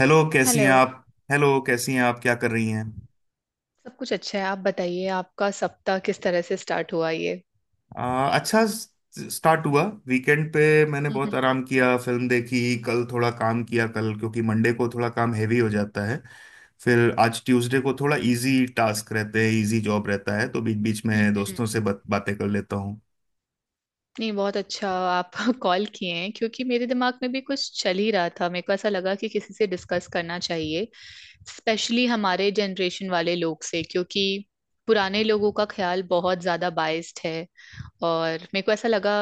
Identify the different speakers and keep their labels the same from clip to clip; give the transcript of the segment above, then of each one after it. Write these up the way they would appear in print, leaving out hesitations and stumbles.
Speaker 1: Hello, कैसी हैं
Speaker 2: hello.
Speaker 1: आप? हेलो, कैसी हैं आप, क्या कर रही हैं?
Speaker 2: सब कुछ अच्छा है, आप बताइए आपका सप्ताह किस तरह से स्टार्ट हुआ ये?
Speaker 1: अच्छा स्टार्ट हुआ। वीकेंड पे मैंने
Speaker 2: हम्म।
Speaker 1: बहुत आराम किया, फिल्म देखी। कल थोड़ा काम किया, कल क्योंकि मंडे को थोड़ा काम हैवी हो जाता है। फिर आज ट्यूसडे को थोड़ा इजी टास्क रहते हैं, इजी जॉब रहता है, तो बीच बीच में
Speaker 2: हम्म।
Speaker 1: दोस्तों से
Speaker 2: हम्म।
Speaker 1: बात बातें कर लेता हूँ।
Speaker 2: नहीं बहुत अच्छा आप कॉल किए हैं, क्योंकि मेरे दिमाग में भी कुछ चल ही रहा था। मेरे को ऐसा लगा कि किसी से डिस्कस करना चाहिए, स्पेशली हमारे जनरेशन वाले लोग से। क्योंकि पुराने लोगों का ख्याल बहुत ज्यादा बाइस्ड है, और मेरे को ऐसा लगा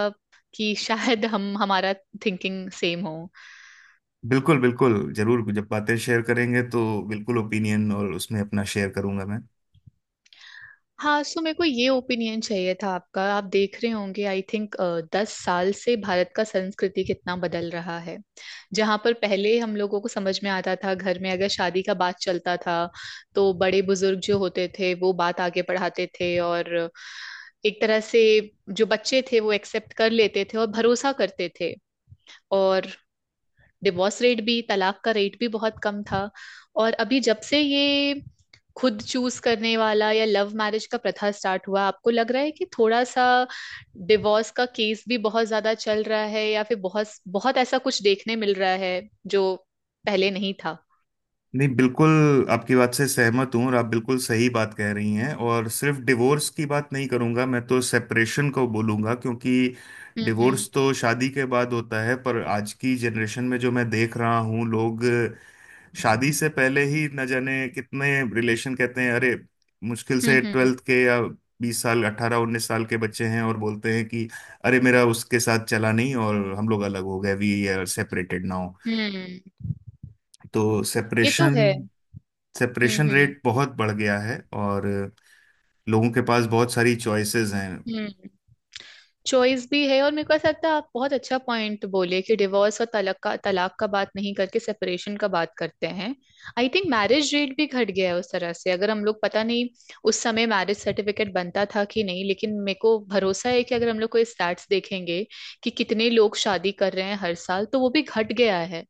Speaker 2: कि शायद हम हमारा थिंकिंग सेम हो।
Speaker 1: बिल्कुल बिल्कुल, जरूर, जब बातें शेयर करेंगे तो बिल्कुल ओपिनियन और उसमें अपना शेयर करूंगा।
Speaker 2: हाँ, सो मेरे को ये ओपिनियन चाहिए था आपका। आप देख रहे होंगे आई थिंक 10 साल से भारत का संस्कृति कितना बदल रहा है। जहाँ पर पहले हम लोगों को समझ में आता था, घर में अगर शादी का बात चलता था तो बड़े बुजुर्ग जो होते थे वो बात आगे बढ़ाते थे, और एक तरह से जो बच्चे थे वो एक्सेप्ट कर लेते थे और भरोसा करते थे। और डिवोर्स रेट भी, तलाक का रेट भी बहुत कम था। और अभी जब से ये खुद चूज करने वाला या लव मैरिज का प्रथा स्टार्ट हुआ, आपको लग रहा है कि थोड़ा सा डिवोर्स का केस भी बहुत ज्यादा चल रहा है, या फिर बहुत बहुत ऐसा कुछ देखने मिल रहा है जो पहले नहीं था?
Speaker 1: नहीं, बिल्कुल। आपकी बात से सहमत हूँ और आप बिल्कुल सही बात कह रही हैं, और सिर्फ डिवोर्स की बात नहीं करूँगा मैं, तो सेपरेशन को बोलूँगा, क्योंकि
Speaker 2: हम्म। हम्म।
Speaker 1: डिवोर्स तो शादी के बाद होता है, पर आज की जनरेशन में जो मैं देख रहा हूँ, लोग शादी से पहले ही न जाने कितने रिलेशन कहते हैं। अरे, मुश्किल से
Speaker 2: हम्म।
Speaker 1: 12th के या 20 साल, 18 19 साल के बच्चे हैं और बोलते हैं कि अरे, मेरा उसके साथ चला नहीं और हम लोग अलग हो गए, वी आर सेपरेटेड नाउ।
Speaker 2: हम्म।
Speaker 1: तो
Speaker 2: ये तो
Speaker 1: सेपरेशन।
Speaker 2: है। हम्म।
Speaker 1: सेपरेशन
Speaker 2: हम्म।
Speaker 1: रेट बहुत बढ़ गया है। और लोगों के पास बहुत सारी चॉइसेस हैं।
Speaker 2: हम्म। चॉइस भी है, और मेरे को ऐसा लगता है आप बहुत अच्छा पॉइंट बोले कि डिवोर्स और तलाक का बात नहीं करके सेपरेशन का बात करते हैं। आई थिंक मैरिज रेट भी घट गया है उस तरह से। अगर हम लोग, पता नहीं उस समय मैरिज सर्टिफिकेट बनता था कि नहीं, लेकिन मेरे को भरोसा है कि अगर हम लोग कोई स्टैट्स देखेंगे कि कितने लोग शादी कर रहे हैं हर साल, तो वो भी घट गया है।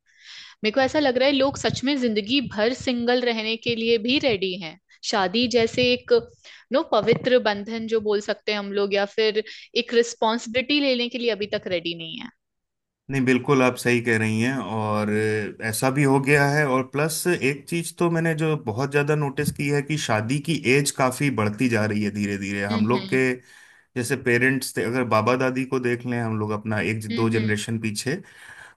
Speaker 2: मेरे को ऐसा लग रहा है लोग सच में जिंदगी भर सिंगल रहने के लिए भी रेडी हैं। शादी जैसे एक, नो, पवित्र बंधन जो बोल सकते हैं हम लोग, या फिर एक रिस्पॉन्सिबिलिटी लेने के लिए अभी तक रेडी नहीं है।
Speaker 1: नहीं, बिल्कुल आप सही कह रही हैं। और ऐसा भी हो गया है, और प्लस एक चीज तो मैंने जो बहुत ज्यादा नोटिस की है, कि शादी की एज काफी बढ़ती जा रही है। धीरे धीरे, हम लोग
Speaker 2: हम्म।
Speaker 1: के जैसे पेरेंट्स थे, अगर बाबा दादी को देख लें हम लोग, अपना एक दो
Speaker 2: हम्म।
Speaker 1: जनरेशन पीछे,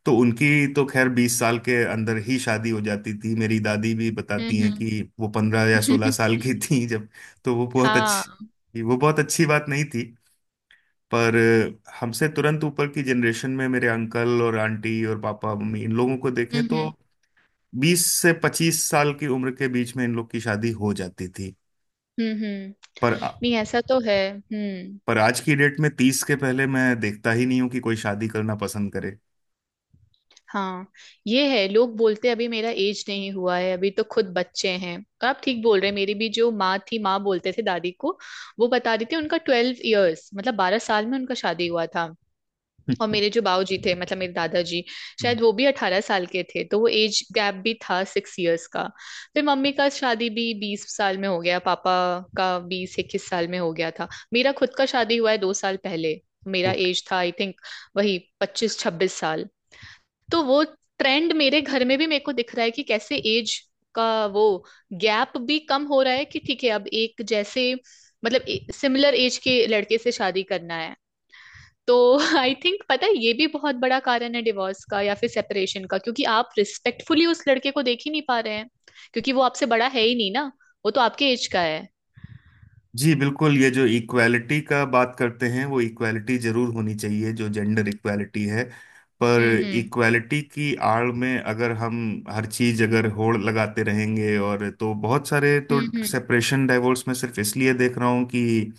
Speaker 1: तो उनकी तो खैर 20 साल के अंदर ही शादी हो जाती थी। मेरी दादी भी बताती
Speaker 2: हम्म।
Speaker 1: हैं कि वो पंद्रह या सोलह
Speaker 2: हम्म।
Speaker 1: साल की थी जब। तो
Speaker 2: हाँ।
Speaker 1: वो बहुत अच्छी बात नहीं थी। पर हमसे तुरंत ऊपर की जनरेशन में, मेरे अंकल और आंटी और पापा मम्मी, इन लोगों को देखें तो
Speaker 2: हम्म।
Speaker 1: 20 से 25 साल की उम्र के बीच में इन लोग की शादी हो जाती थी।
Speaker 2: हम्म। हम्म।
Speaker 1: पर।
Speaker 2: नहीं, ऐसा तो है। हम्म।
Speaker 1: पर आज की डेट में 30 के पहले मैं देखता ही नहीं हूं कि कोई शादी करना पसंद करे।
Speaker 2: हाँ ये है, लोग बोलते अभी मेरा एज नहीं हुआ है, अभी तो खुद बच्चे हैं। और आप ठीक बोल रहे हैं। मेरी भी जो माँ थी, माँ बोलते थे दादी को, वो बता रही थी उनका 12 इयर्स मतलब 12 साल में उनका शादी हुआ था। और मेरे जो बाऊ जी थे, मतलब मेरे दादाजी, शायद वो भी 18 साल के थे। तो वो एज गैप भी था 6 इयर्स का। फिर मम्मी का शादी भी 20 साल में हो गया, पापा का 20-21 साल में हो गया था। मेरा खुद का शादी हुआ है 2 साल पहले। मेरा एज था आई थिंक वही 25-26 साल। तो वो ट्रेंड मेरे घर में भी मेरे को दिख रहा है कि कैसे एज का वो गैप भी कम हो रहा है। कि ठीक है अब एक जैसे, मतलब सिमिलर एज के लड़के से शादी करना है। तो आई थिंक पता है ये भी बहुत बड़ा कारण है डिवोर्स का या फिर सेपरेशन का, क्योंकि आप रिस्पेक्टफुली उस लड़के को देख ही नहीं पा रहे हैं, क्योंकि वो आपसे बड़ा है ही नहीं ना, वो तो आपके एज का है।
Speaker 1: जी बिल्कुल, ये जो इक्वालिटी का बात करते हैं, वो इक्वालिटी जरूर होनी चाहिए, जो जेंडर इक्वालिटी है। पर
Speaker 2: हम्म। हम्म।
Speaker 1: इक्वालिटी की आड़ में अगर हम हर चीज अगर होड़ लगाते रहेंगे, और तो बहुत सारे, तो
Speaker 2: हम्म।
Speaker 1: सेपरेशन डाइवोर्स में सिर्फ इसलिए देख रहा हूँ, कि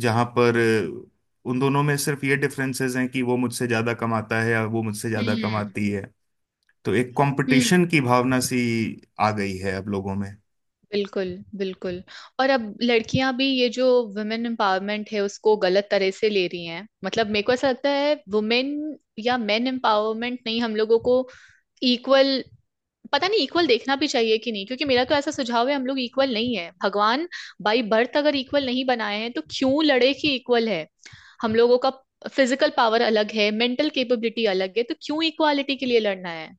Speaker 1: जहाँ पर उन दोनों में सिर्फ ये डिफरेंसेस हैं कि वो मुझसे ज्यादा कमाता है या वो मुझसे ज्यादा
Speaker 2: हम्म। हम्म।
Speaker 1: कमाती है। तो एक कंपटीशन
Speaker 2: हम्म।
Speaker 1: की भावना सी आ गई है अब लोगों में।
Speaker 2: बिल्कुल बिल्कुल। और अब लड़कियां भी ये जो वुमेन एम्पावरमेंट है उसको गलत तरह से ले रही हैं, मतलब मेरे को ऐसा लगता है वुमेन या मेन एम्पावरमेंट नहीं, हम लोगों को इक्वल, पता नहीं इक्वल देखना भी चाहिए कि नहीं। क्योंकि मेरा तो ऐसा सुझाव है हम लोग इक्वल नहीं है। भगवान बाई बर्थ अगर इक्वल नहीं बनाए हैं तो क्यों लड़े कि इक्वल है। हम लोगों का फिजिकल पावर अलग है, मेंटल कैपेबिलिटी अलग है, तो क्यों इक्वालिटी के लिए लड़ना है?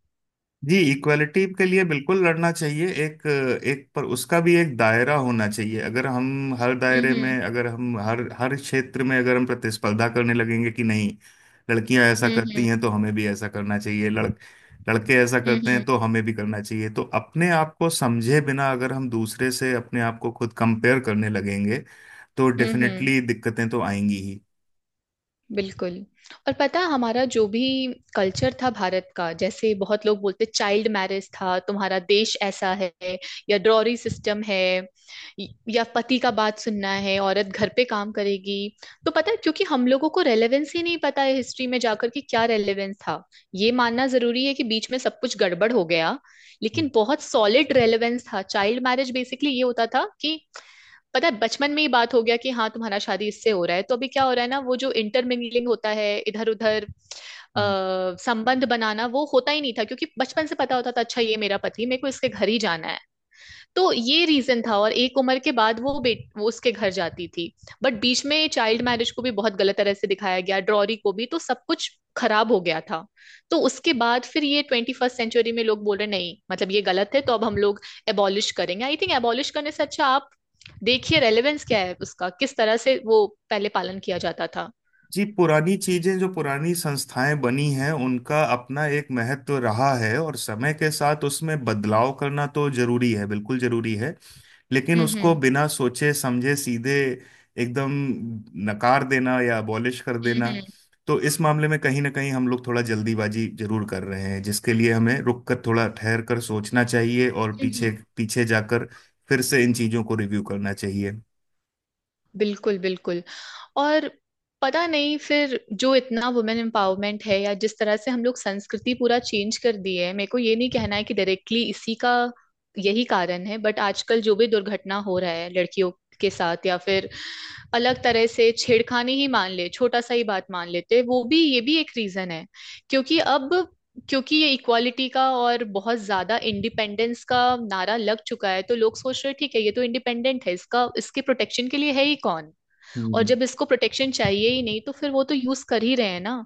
Speaker 1: जी, इक्वलिटी के लिए बिल्कुल लड़ना चाहिए एक। एक पर उसका भी एक दायरा होना चाहिए। अगर हम हर दायरे
Speaker 2: हम्म।
Speaker 1: में, अगर हम हर हर क्षेत्र में, अगर हम प्रतिस्पर्धा करने लगेंगे कि नहीं लड़कियां ऐसा
Speaker 2: हम्म।
Speaker 1: करती
Speaker 2: हम्म।
Speaker 1: हैं तो हमें भी ऐसा करना चाहिए, लड़के ऐसा
Speaker 2: हम्म।
Speaker 1: करते हैं
Speaker 2: हम्म।
Speaker 1: तो हमें भी करना चाहिए, तो अपने आप को समझे बिना अगर हम दूसरे से अपने आप को खुद कंपेयर करने लगेंगे, तो
Speaker 2: हम्म। हम्म।
Speaker 1: डेफिनेटली दिक्कतें तो आएंगी ही।
Speaker 2: बिल्कुल। और पता है, हमारा जो भी कल्चर था भारत का, जैसे बहुत लोग बोलते चाइल्ड मैरिज था तुम्हारा देश ऐसा है, या ड्रॉरी सिस्टम है, या पति का बात सुनना है, औरत घर पे काम करेगी। तो पता है क्योंकि हम लोगों को रेलेवेंस ही नहीं पता है हिस्ट्री में जाकर कि क्या रेलेवेंस था। ये मानना जरूरी है कि बीच में सब कुछ गड़बड़ हो गया, लेकिन बहुत सॉलिड रेलेवेंस था। चाइल्ड मैरिज बेसिकली ये होता था कि, पता है, बचपन में ही बात हो गया कि हाँ तुम्हारा शादी इससे हो रहा है। तो अभी क्या हो रहा है ना, वो जो इंटरमिंगलिंग होता है इधर उधर,
Speaker 1: हम्म
Speaker 2: संबंध बनाना, वो होता ही नहीं था, क्योंकि बचपन से पता होता था अच्छा ये मेरा पति, मेरे को इसके घर ही जाना है। तो ये रीजन था, और एक उम्र के बाद वो बेट वो उसके घर जाती थी। बट बीच में चाइल्ड मैरिज को भी बहुत गलत तरह से दिखाया गया, ड्रॉरी को भी, तो सब कुछ खराब हो गया था। तो उसके बाद फिर ये 21st सेंचुरी में लोग बोल रहे नहीं मतलब ये गलत है, तो अब हम लोग एबॉलिश करेंगे। आई थिंक एबॉलिश करने से अच्छा आप देखिए रेलेवेंस क्या है उसका, किस तरह से वो पहले पालन किया जाता था।
Speaker 1: जी, पुरानी चीजें, जो पुरानी संस्थाएं बनी हैं, उनका अपना एक महत्व रहा है, और समय के साथ उसमें बदलाव करना तो जरूरी है, बिल्कुल जरूरी है। लेकिन
Speaker 2: हम्म।
Speaker 1: उसको
Speaker 2: हम्म।
Speaker 1: बिना सोचे समझे सीधे एकदम नकार देना या अबॉलिश कर
Speaker 2: हम्म।
Speaker 1: देना, तो इस मामले में कहीं ना कहीं हम लोग थोड़ा जल्दीबाजी जरूर कर रहे हैं, जिसके लिए हमें रुक कर थोड़ा ठहर कर सोचना चाहिए, और
Speaker 2: हम्म।
Speaker 1: पीछे। पीछे जाकर फिर से इन चीजों को रिव्यू करना चाहिए।
Speaker 2: बिल्कुल बिल्कुल। और पता नहीं फिर जो इतना वुमेन एम्पावरमेंट है या जिस तरह से हम लोग संस्कृति पूरा चेंज कर दी है, मेरे को ये नहीं कहना है कि डायरेक्टली इसी का यही कारण है, बट आजकल जो भी दुर्घटना हो रहा है लड़कियों के साथ या फिर अलग तरह से छेड़खानी ही मान ले, छोटा सा ही बात मान लेते हैं, वो भी ये भी एक रीजन है। क्योंकि अब, क्योंकि ये इक्वालिटी का और बहुत ज्यादा इंडिपेंडेंस का नारा लग चुका है, तो लोग सोच रहे हैं ठीक है ये तो इंडिपेंडेंट है, इसका इसके प्रोटेक्शन के लिए है ही कौन। और जब इसको प्रोटेक्शन चाहिए ही नहीं तो फिर वो तो यूज कर ही रहे हैं ना।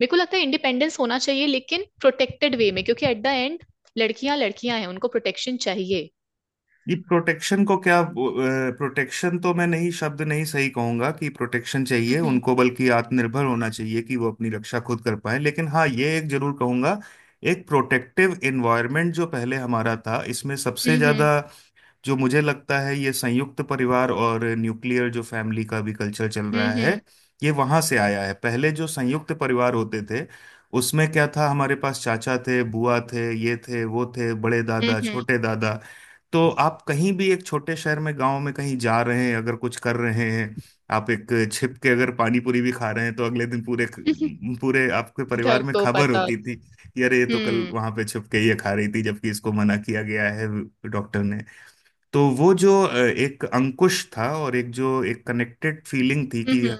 Speaker 2: मेरे को लगता है इंडिपेंडेंस होना चाहिए लेकिन प्रोटेक्टेड वे में, क्योंकि एट द एंड लड़कियां लड़कियां हैं, उनको प्रोटेक्शन चाहिए।
Speaker 1: ये प्रोटेक्शन को क्या, प्रोटेक्शन तो मैं नहीं, शब्द नहीं सही कहूंगा कि प्रोटेक्शन चाहिए
Speaker 2: हम्म।
Speaker 1: उनको, बल्कि आत्मनिर्भर होना चाहिए कि वो अपनी रक्षा खुद कर पाए। लेकिन हाँ, ये एक जरूर कहूंगा, एक प्रोटेक्टिव एनवायरनमेंट जो पहले हमारा था, इसमें सबसे
Speaker 2: हम्म।
Speaker 1: ज्यादा जो मुझे लगता है, ये संयुक्त परिवार, और न्यूक्लियर जो फैमिली का भी कल्चर चल रहा
Speaker 2: हम्म।
Speaker 1: है, ये वहां से आया है। पहले जो संयुक्त परिवार होते थे, उसमें क्या था, हमारे पास चाचा थे, बुआ थे, ये थे, वो थे, बड़े
Speaker 2: हम्म।
Speaker 1: दादा,
Speaker 2: हम्म।
Speaker 1: छोटे दादा। तो आप कहीं भी एक छोटे शहर में, गांव में कहीं जा रहे हैं, अगर कुछ कर रहे हैं, आप एक छिप के अगर पानी पूरी भी खा रहे हैं, तो अगले दिन पूरे। पूरे आपके परिवार
Speaker 2: घर
Speaker 1: में
Speaker 2: को
Speaker 1: खबर
Speaker 2: पता
Speaker 1: होती थी
Speaker 2: होता।
Speaker 1: कि अरे, ये तो कल
Speaker 2: हम्म।
Speaker 1: वहां पे छिप के ये खा रही थी, जबकि इसको मना किया गया है डॉक्टर ने। तो वो जो एक अंकुश था, और एक जो एक कनेक्टेड फीलिंग थी, कि
Speaker 2: हम्म।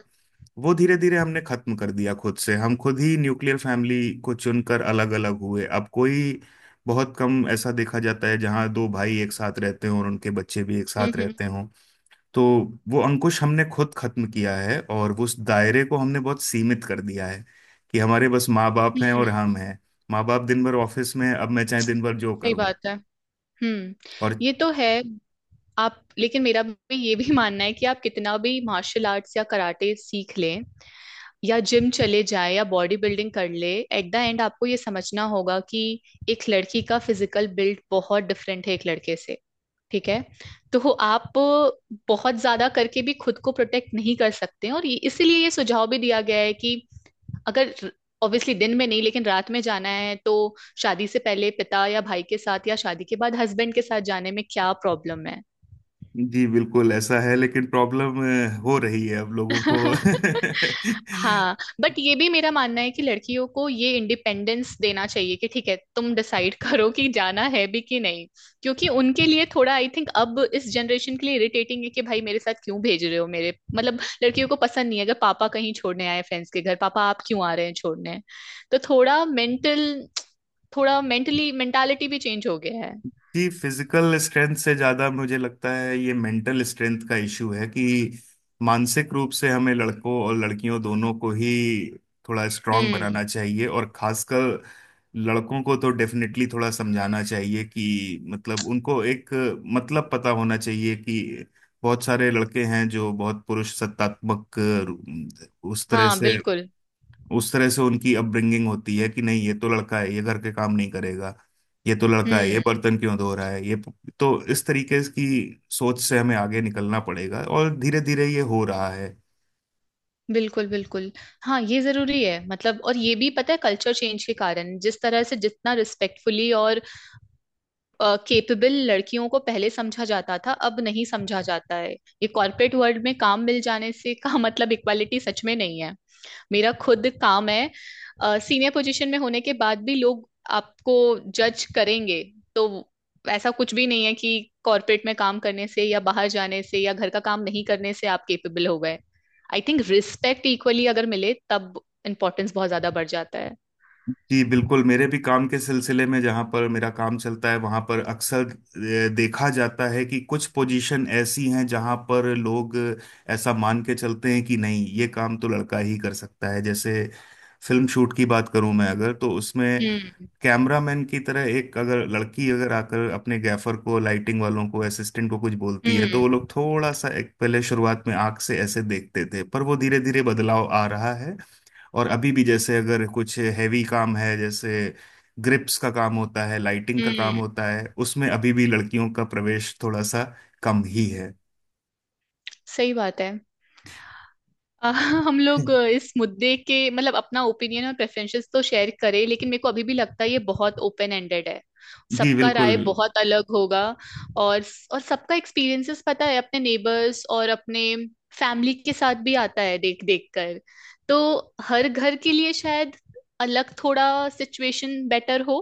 Speaker 1: वो धीरे धीरे हमने खत्म कर दिया। खुद से हम खुद ही न्यूक्लियर फैमिली को चुनकर अलग अलग हुए। अब कोई बहुत कम ऐसा देखा जाता है जहां दो भाई एक साथ रहते हों, और उनके बच्चे भी एक साथ
Speaker 2: हम्म।
Speaker 1: रहते हों। तो वो अंकुश हमने खुद खत्म किया है, और उस दायरे को हमने बहुत सीमित कर दिया है, कि हमारे बस माँ बाप हैं
Speaker 2: हम्म।
Speaker 1: और हम हैं। माँ बाप दिन भर ऑफिस में, अब मैं चाहे दिन भर जो
Speaker 2: सही
Speaker 1: करूं।
Speaker 2: बात है। हम्म।
Speaker 1: और
Speaker 2: ये तो है। आप, लेकिन मेरा भी ये भी मानना है कि आप कितना भी मार्शल आर्ट्स या कराटे सीख लें, या जिम चले जाए, या बॉडी बिल्डिंग कर ले, एट द एंड आपको ये समझना होगा कि एक लड़की का फिजिकल बिल्ड बहुत डिफरेंट है एक लड़के से। ठीक है, तो आप बहुत ज्यादा करके भी खुद को प्रोटेक्ट नहीं कर सकते हैं। और इसीलिए ये सुझाव भी दिया गया है कि अगर ऑब्वियसली दिन में नहीं, लेकिन रात में जाना है, तो शादी से पहले पिता या भाई के साथ, या शादी के बाद हस्बैंड के साथ जाने में क्या प्रॉब्लम है?
Speaker 1: जी बिल्कुल ऐसा है, लेकिन प्रॉब्लम हो रही है अब लोगों को।
Speaker 2: हाँ। बट ये भी मेरा मानना है कि लड़कियों को ये इंडिपेंडेंस देना चाहिए कि ठीक है तुम डिसाइड करो कि जाना है भी कि नहीं। क्योंकि उनके लिए थोड़ा आई थिंक अब इस जनरेशन के लिए इरिटेटिंग है कि भाई मेरे साथ क्यों भेज रहे हो मेरे मतलब लड़कियों को पसंद नहीं है अगर पापा कहीं छोड़ने आए फ्रेंड्स के घर, पापा आप क्यों आ रहे हैं छोड़ने। तो थोड़ा मेंटली मेंटालिटी भी चेंज हो गया है।
Speaker 1: कि फिजिकल स्ट्रेंथ से ज्यादा मुझे लगता है ये मेंटल स्ट्रेंथ का इशू है, कि मानसिक रूप से हमें लड़कों और लड़कियों दोनों को ही थोड़ा स्ट्रांग
Speaker 2: हम्म।
Speaker 1: बनाना चाहिए, और खासकर लड़कों को तो डेफिनेटली थोड़ा समझाना चाहिए, कि मतलब उनको एक, मतलब पता होना चाहिए कि बहुत सारे लड़के हैं जो बहुत पुरुष सत्तात्मक उस तरह
Speaker 2: हाँ
Speaker 1: से।
Speaker 2: बिल्कुल।
Speaker 1: उस तरह से उनकी अपब्रिंगिंग होती है कि नहीं, ये तो लड़का है, ये घर के काम नहीं करेगा, ये तो लड़का है, ये
Speaker 2: हम्म।
Speaker 1: बर्तन क्यों धो रहा है ये। तो इस तरीके की सोच से हमें आगे निकलना पड़ेगा, और धीरे धीरे ये हो रहा है।
Speaker 2: बिल्कुल बिल्कुल। हाँ ये जरूरी है मतलब। और ये भी पता है कल्चर चेंज के कारण जिस तरह से जितना रिस्पेक्टफुली और केपेबल लड़कियों को पहले समझा जाता था अब नहीं समझा जाता है, ये कॉर्पोरेट वर्ल्ड में काम मिल जाने से का मतलब इक्वालिटी सच में नहीं है। मेरा खुद काम है, सीनियर पोजीशन में होने के बाद भी लोग आपको जज करेंगे। तो ऐसा कुछ भी नहीं है कि कॉर्पोरेट में काम करने से या बाहर जाने से या घर का काम नहीं करने से आप केपेबल हो गए। आई थिंक रिस्पेक्ट इक्वली अगर मिले तब इम्पोर्टेंस बहुत ज्यादा बढ़ जाता है।
Speaker 1: जी बिल्कुल, मेरे भी काम के सिलसिले में जहाँ पर मेरा काम चलता है वहाँ पर अक्सर देखा जाता है कि कुछ पोजीशन ऐसी हैं जहाँ पर लोग ऐसा मान के चलते हैं कि नहीं, ये काम तो लड़का ही कर सकता है। जैसे फिल्म शूट की बात करूं मैं अगर, तो उसमें
Speaker 2: हम्म।
Speaker 1: कैमरामैन की तरह एक अगर लड़की अगर आकर अपने गैफर को, लाइटिंग वालों को, असिस्टेंट को कुछ बोलती है, तो वो
Speaker 2: हम्म।
Speaker 1: लोग थोड़ा सा एक पहले शुरुआत में आंख से ऐसे देखते थे, पर वो धीरे धीरे बदलाव आ रहा है। और अभी भी जैसे अगर कुछ हैवी काम है, जैसे ग्रिप्स का काम होता है, लाइटिंग का काम
Speaker 2: हम्म।
Speaker 1: होता है, उसमें अभी भी लड़कियों का प्रवेश थोड़ा सा कम ही है।
Speaker 2: सही बात है। अ, हम लोग इस मुद्दे के मतलब अपना ओपिनियन और प्रेफरेंसेस तो शेयर करें, लेकिन मेरे को अभी भी लगता है ये बहुत ओपन एंडेड है।
Speaker 1: जी
Speaker 2: सबका
Speaker 1: बिल्कुल।
Speaker 2: राय बहुत अलग होगा। और और सबका एक्सपीरियंसेस पता है अपने नेबर्स और अपने फैमिली के साथ भी आता है देख देख कर। तो हर घर के लिए शायद अलग थोड़ा सिचुएशन बेटर हो।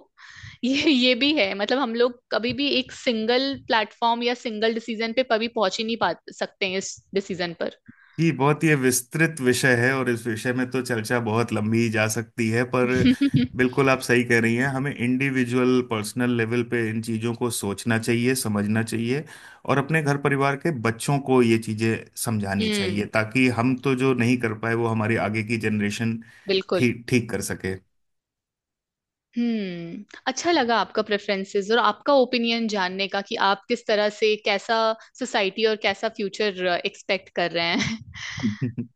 Speaker 2: ये भी है मतलब हम लोग कभी भी एक सिंगल प्लेटफॉर्म या सिंगल डिसीजन पे कभी पहुंच ही नहीं पा सकते हैं इस डिसीजन पर।
Speaker 1: जी बहुत, ये विस्तृत विषय है और इस विषय में तो चर्चा बहुत लंबी जा सकती है, पर बिल्कुल आप सही कह रही हैं, हमें इंडिविजुअल पर्सनल लेवल पे इन चीज़ों को सोचना चाहिए, समझना चाहिए, और अपने घर परिवार के बच्चों को ये चीज़ें समझानी
Speaker 2: हम्म।
Speaker 1: चाहिए, ताकि हम तो जो नहीं कर पाए, वो हमारी आगे की जनरेशन
Speaker 2: बिल्कुल।
Speaker 1: ठीक ठीक कर सके।
Speaker 2: अच्छा लगा आपका प्रेफरेंसेस और आपका ओपिनियन जानने का कि आप किस तरह से कैसा सोसाइटी और कैसा फ्यूचर एक्सपेक्ट कर रहे हैं।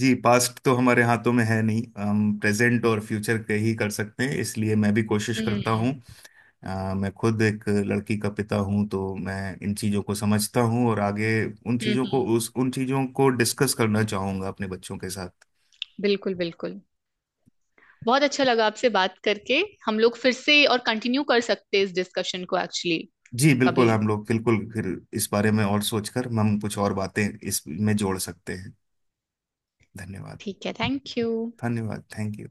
Speaker 1: जी, पास्ट तो हमारे हाथों में है नहीं, हम प्रेजेंट और फ्यूचर के ही कर सकते हैं, इसलिए मैं भी कोशिश करता
Speaker 2: हम्म।
Speaker 1: हूँ। मैं खुद एक लड़की का पिता हूं, तो मैं इन चीज़ों को समझता हूं, और आगे
Speaker 2: हम्म।
Speaker 1: उन चीज़ों को डिस्कस करना चाहूंगा अपने बच्चों के साथ।
Speaker 2: बिल्कुल बिल्कुल। बहुत अच्छा लगा आपसे बात करके। हम लोग फिर से और कंटिन्यू कर सकते हैं इस डिस्कशन को एक्चुअली
Speaker 1: जी बिल्कुल,
Speaker 2: कभी।
Speaker 1: हम लोग बिल्कुल, फिर इस बारे में और सोचकर हम कुछ और बातें इसमें जोड़ सकते हैं। धन्यवाद।
Speaker 2: ठीक है। Thank you.
Speaker 1: धन्यवाद, थैंक यू।